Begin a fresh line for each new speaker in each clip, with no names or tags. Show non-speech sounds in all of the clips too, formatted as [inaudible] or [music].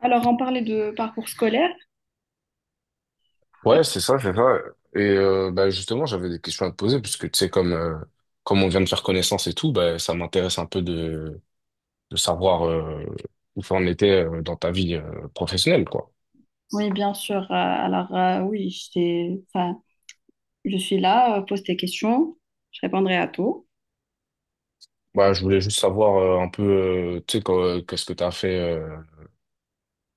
Alors, on parlait de parcours scolaire.
Ouais, c'est ça, c'est ça. Et bah, justement, j'avais des questions à te poser, puisque tu sais, comme on vient de faire connaissance et tout, bah, ça m'intéresse un peu de savoir où ça en était dans ta vie professionnelle, quoi.
Oui, bien sûr. Alors, oui, je suis là, pose tes questions, je répondrai à tout.
Bah, je voulais juste savoir un peu, tu sais, qu'est-ce que tu as fait,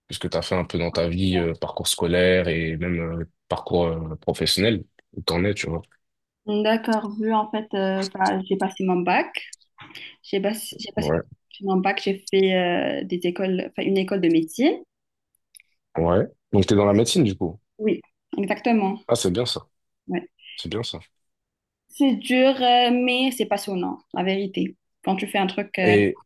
qu'est-ce que tu fait un peu dans ta vie, parcours scolaire et même parcours professionnel, où t'en es, tu vois.
D'accord, vu en fait, enfin, j'ai passé mon bac. J'ai passé
Ouais,
mon bac, j'ai fait des écoles, enfin, une école de médecine.
ouais. Donc,
J'ai-
t'es dans la médecine, du coup.
Oui, exactement.
Ah, c'est bien ça,
Ouais.
c'est bien ça.
C'est dur, mais c'est passionnant, la vérité. Quand tu fais un truc,
Et,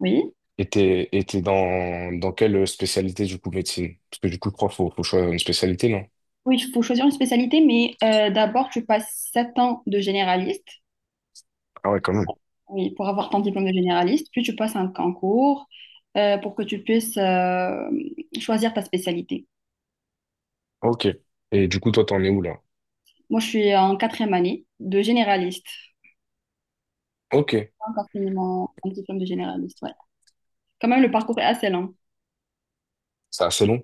oui.
Et t'es dans quelle spécialité du coup médecine? Parce que du coup, je crois qu'il faut choisir une spécialité, non?
Oui, il faut choisir une spécialité, mais d'abord, tu passes 7 ans de généraliste.
Ah ouais, quand même.
Oui, pour avoir ton diplôme de généraliste, puis tu passes un concours pour que tu puisses choisir ta spécialité.
Ok. Et du coup, toi, t'en es où là?
Moi, je suis en quatrième année de généraliste. J'ai
Ok.
pas encore fini mon diplôme de généraliste, ouais. Quand même, le parcours est assez lent.
C'est assez long.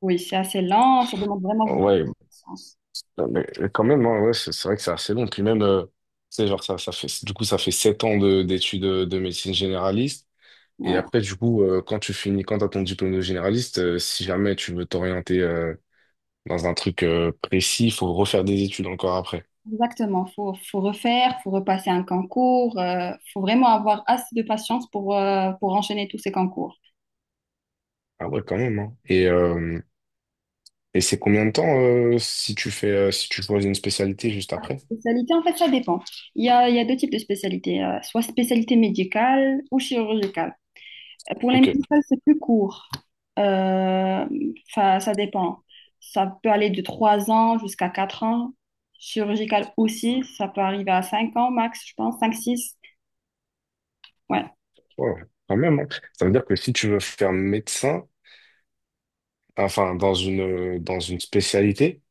Oui, c'est assez lent, ça demande vraiment beaucoup
Ouais,
de patience.
mais quand même, hein, ouais, c'est vrai que c'est assez long. Puis même, tu sais, genre, ça fait, du coup, ça fait 7 ans d'études de médecine généraliste. Et
Ouais,
après, du coup, quand tu finis, quand t'as ton diplôme de généraliste, si jamais tu veux t'orienter dans un truc précis, il faut refaire des études encore après.
exactement. Faut refaire, faut repasser un concours. Faut vraiment avoir assez de patience pour enchaîner tous ces concours.
Ah ouais, quand même, hein. Et c'est combien de temps si tu fais si tu choisis une spécialité juste après?
Spécialité, en fait, ça dépend. Il y a deux types de spécialités, soit spécialité médicale ou chirurgicale. Pour les
Ok,
musicals, c'est plus court. Euh, Enfin, ça dépend. Ça peut aller de 3 ans jusqu'à 4 ans. Chirurgical aussi, ça peut arriver à 5 ans max, je pense, cinq six. Ouais.
ouais, quand même, hein. Ça veut dire que si tu veux faire médecin, enfin dans une spécialité,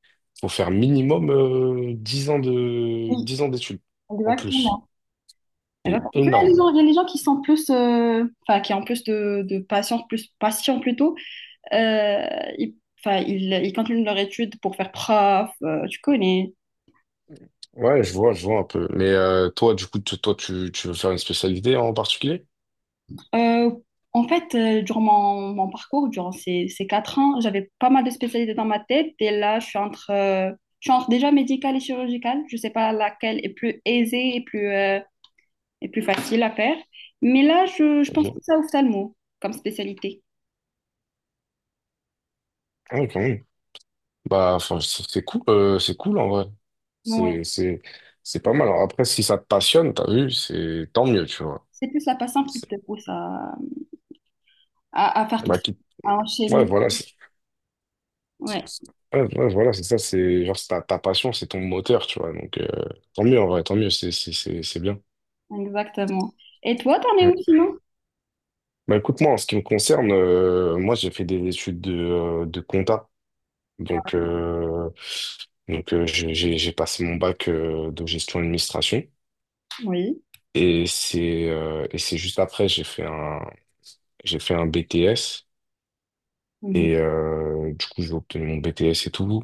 faut faire minimum 10 ans de
Oui,
10 ans d'études en plus.
exactement.
C'est
Exactement. Après, Il y a les
énorme.
gens, il y a les gens qui sont plus, enfin, qui ont plus de patience, plus patients plutôt. Euh, ils, enfin, ils continuent leur étude pour faire prof, tu connais.
Ouais, je vois un peu. Mais toi, du coup, tu veux faire une spécialité en particulier?
Euh, en fait, durant mon parcours, durant ces 4 ans, j'avais pas mal de spécialités dans ma tête. Et là, je suis entre déjà médicale et chirurgicale. Je sais pas laquelle est plus aisée et plus facile à faire. Mais là, je pense plus
Ok.
à ophtalmo comme spécialité.
Ah, quand même. Bah, enfin, c'est cool, c'est cool en vrai.
Ouais.
C'est, c'est, c'est pas mal. Alors après, si ça te passionne, t'as vu, c'est tant mieux, tu vois.
C'est plus la patiente qui
C'est-
te pousse à faire tout
Bah,
ça, à enchaîner.
ouais, voilà,
Ouais,
ouais, ouais, voilà, c'est ça, c'est genre c'est ta passion, c'est ton moteur, tu vois. Donc, tant mieux en vrai, tant mieux, c'est bien.
exactement. Et toi, t'en es où
Ouais.
sinon?
Bah, écoute-moi, en ce qui me concerne, moi, j'ai fait des études de compta. Donc, j'ai passé mon bac de gestion administration.
Oui.
Et c'est juste après, j'ai fait un BTS
Mhm.
et du coup j'ai obtenu mon BTS et tout.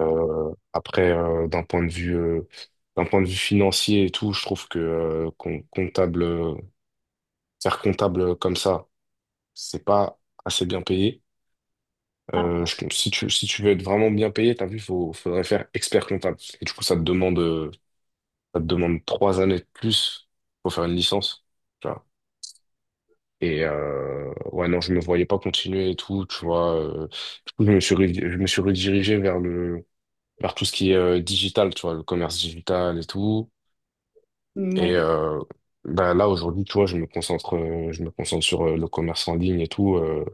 Après, d'un point de vue, d'un point de vue financier et tout, je trouve que comptable, faire comptable comme ça, c'est pas assez bien payé. Je si tu, si tu veux être vraiment bien payé, t'as vu, faut, faudrait faire expert comptable. Et du coup, ça te demande 3 années de plus pour faire une licence. Et ouais, non, je me voyais pas continuer et tout, tu vois. Du coup, je me suis redirigé vers tout ce qui est digital, tu vois, le commerce digital et tout.
Mm,
Et bah, là, aujourd'hui, tu vois, je me concentre sur le commerce en ligne et tout. Euh,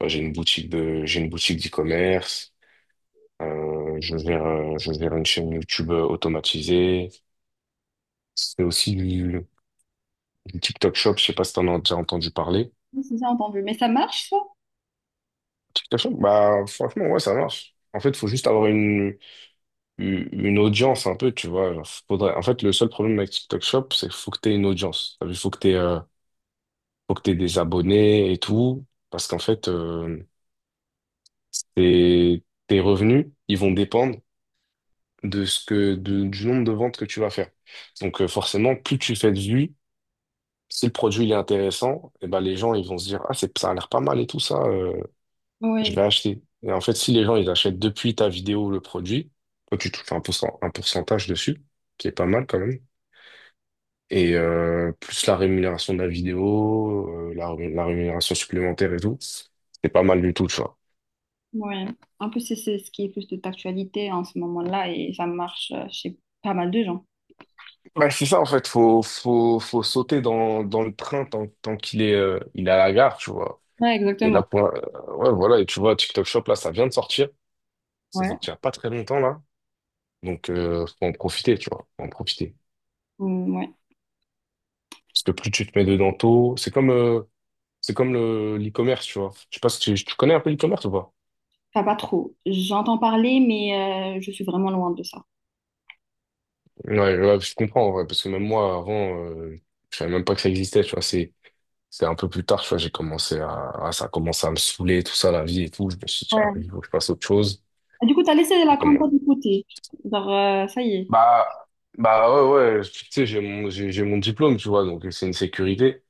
bah, j'ai une boutique d'e-commerce. Je gère une chaîne YouTube automatisée. C'est aussi du TikTok Shop. Je sais pas si t'en as déjà entendu parler.
oui, c'est ça entendu. Mais ça marche, ça?
TikTok Shop, bah, franchement, ouais, ça marche. En fait, faut juste avoir une audience un peu, tu vois. Genre, faudrait. En fait, le seul problème avec TikTok Shop, c'est qu'il faut que tu aies une audience. Il faut que tu aies, faut que t'aies des abonnés et tout. Parce qu'en fait, tes revenus, ils vont dépendre de ce que, de- du nombre de ventes que tu vas faire. Donc, forcément, plus tu fais de vues, si le produit il est intéressant, et ben, les gens ils vont se dire, ah, ça a l'air pas mal et tout ça, je
Oui,
vais acheter. Et en fait, si les gens ils achètent depuis ta vidéo le produit, toi, tu touches un pourcentage dessus, qui est pas mal quand même. Et plus la rémunération de la vidéo, la rémunération supplémentaire et tout. C'est pas mal du tout, tu vois.
ouais. En plus, c'est ce qui est plus de d'actualité en ce moment-là et ça marche chez pas mal de gens.
Bah, c'est ça, en fait, faut sauter dans le train tant qu'il est à la gare, tu vois.
Ouais,
Et là,
exactement.
ouais, voilà, et tu vois, TikTok Shop, là, ça vient de sortir. Ça
Ouais.
sortira pas très longtemps, là. Donc, faut en profiter, tu vois. Faut en profiter.
Mm, ouais.
Parce que plus tu te mets dedans tôt, c'est comme l'e-commerce, tu vois. Je sais pas si tu connais un peu l'e-commerce ou pas?
Enfin, pas trop. J'entends parler, mais je suis vraiment loin de ça.
Ouais, ouais, je comprends, en vrai, parce que même moi, avant, je savais même pas que ça existait, tu vois, c'est un peu plus tard, tu vois, j'ai commencé à- ça a commencé à me saouler, tout ça, la vie et tout, je me suis dit, ah,
Ouais.
il faut que je fasse autre chose,
Et du coup, t'as laissé la
et comment?
compta de côté. Genre, ça y est.
Bah, bah, ouais, ouais, tu sais, j'ai mon diplôme, tu vois, donc c'est une sécurité,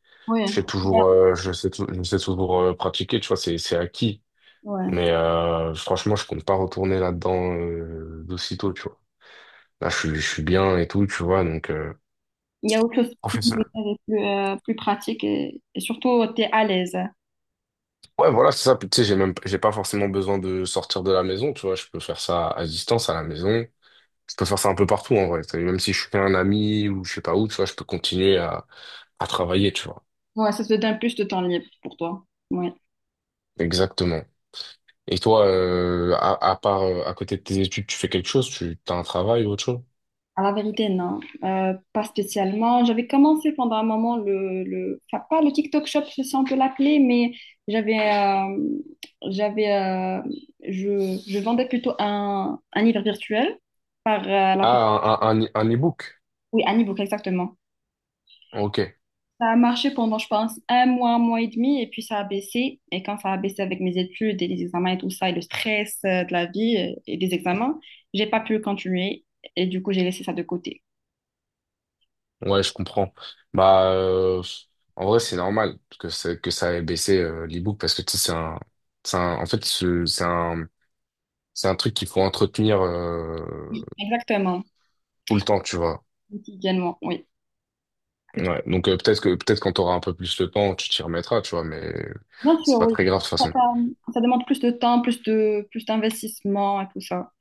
Ouais. Ouais.
je sais toujours pratiquer, tu vois, c'est acquis,
Ouais.
mais franchement, je compte pas retourner là-dedans d'aussitôt, tu vois. Là, je suis bien et tout, tu vois,
Il y a autre chose de plus pratique et surtout, t'es à l'aise.
Ouais, voilà, c'est ça. Puis, tu sais, j'ai même, j'ai pas forcément besoin de sortir de la maison, tu vois. Je peux faire ça à distance, à la maison. Je peux faire ça un peu partout, en vrai. Tu sais, même si je suis chez un ami ou je sais pas où, tu vois, je peux continuer à travailler, tu vois.
Ouais, ça te donne plus de temps libre pour toi. Ouais.
Exactement. Et toi, à côté de tes études, tu fais quelque chose? Tu as un travail ou autre chose?
À la vérité, non, pas spécialement. J'avais commencé pendant un moment enfin pas le TikTok Shop, je sais si on peut l'appeler, mais j'avais, euh, j'avais, euh, je vendais plutôt un livre virtuel par la plateforme,
Ah, un e-book.
oui, un ebook exactement.
Ok.
Ça a marché pendant, je pense, un mois et demi, et puis ça a baissé. Et quand ça a baissé avec mes études et les examens et tout ça, et le stress de la vie et des examens, j'ai pas pu continuer, et du coup j'ai laissé ça de côté.
Ouais, je comprends. Bah, en vrai, c'est normal que, que ça ait baissé l'e-book parce que tu sais, c'est un, en fait, c'est un truc qu'il faut entretenir
Oui, exactement,
tout le temps, tu vois.
quotidiennement, oui. que tu-
Ouais. Donc peut-être quand t'auras un peu plus le temps, tu t'y remettras, tu vois, mais
Bien sûr,
c'est pas
oui.
très grave de toute
Ça,
façon.
ça- ça demande plus de temps, plus d'investissement et tout ça.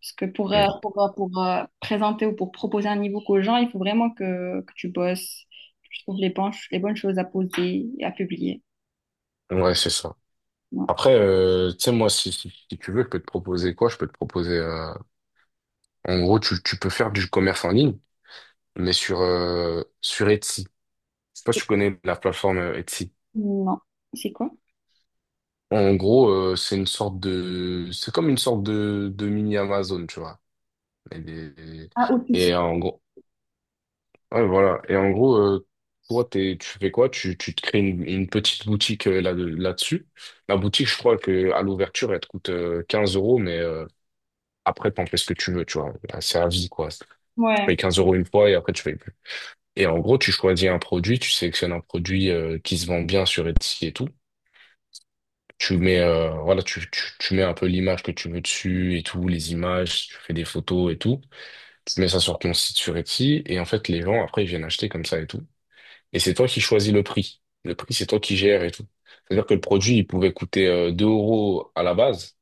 Parce que
Mm.
présenter ou pour proposer un niveau book aux gens, il faut vraiment que tu bosses, que tu trouves les bonnes choses à poser et à publier.
Ouais, c'est ça.
Ouais.
Après, tu sais, moi, si tu veux, je peux te proposer quoi? Je peux te proposer. En gros, tu peux faire du commerce en ligne, mais sur Etsy. Je sais pas si tu connais la plateforme Etsy.
Non. C'est quoi?
En gros, c'est comme une sorte de mini Amazon, tu vois. Et, des-
Ah, au plus.
et en gros, ouais, voilà. Et en gros, toi, tu fais quoi? Tu te crées une petite boutique là-dessus. La boutique, je crois que à l'ouverture, elle te coûte 15 euros, mais après, t'en fais ce que tu veux, tu vois. Là, c'est à vie, quoi. Tu
Ouais.
payes 15 euros une fois et après, tu payes plus. Et en gros, tu choisis un produit, tu sélectionnes un produit qui se vend bien sur Etsy et tout. Tu mets, voilà, tu mets un peu l'image que tu veux dessus et tout, les images, tu fais des photos et tout. Tu mets ça sur ton site sur Etsy et en fait, les gens, après, ils viennent acheter comme ça et tout. Et c'est toi qui choisis le prix. Le prix, c'est toi qui gères et tout. C'est-à-dire que le produit, il pouvait coûter 2 euros à la base.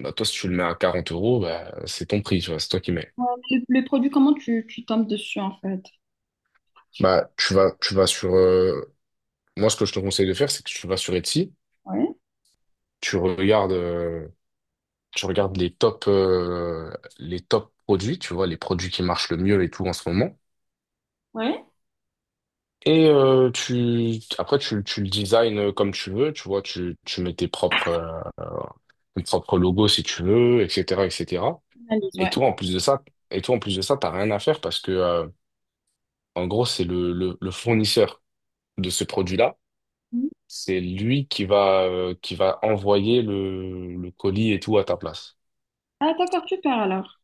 Bah, toi, si tu le mets à 40 euros, bah, c'est ton prix, tu vois, c'est toi qui mets.
Ouais. Le produit, comment tu tombes dessus en fait?
Bah, tu vas sur. Moi, ce que je te conseille de faire, c'est que tu vas sur Etsy,
Ouais.
tu regardes, tu regardes les top, euh, les top produits, tu vois, les produits qui marchent le mieux et tout en ce moment.
Ouais.
Et après, tu le design comme tu veux, tu vois, tu mets tes propres logos si tu veux, etc., etc.
Analyse,
Et
ouais.
toi, en plus de ça, t'as rien à faire parce que, en gros, c'est le fournisseur de ce produit-là.
Mhm.
C'est lui qui va envoyer le colis et tout à ta place.
Ah, d'accord, super alors.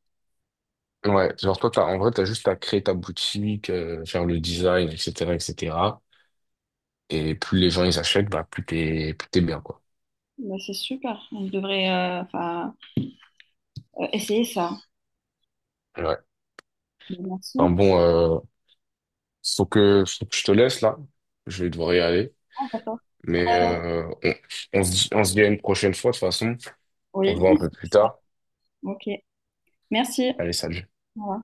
Ouais, genre toi, t'as, en vrai, t'as juste à créer ta boutique, faire le design, etc., etc. Et cetera. Et plus les gens, ils achètent, bah, plus t'es bien, quoi.
Bah, c'est super. On devrait enfin, essayer ça.
Ouais. Enfin
Merci.
bon, faut que je te laisse, là. Je vais devoir y aller.
Au revoir.
Mais, on se dit à une prochaine fois, de toute façon. On se
Oui, [laughs]
voit un peu plus
c'est ça.
tard.
Ok. Merci.
Allez, salut.
Au revoir.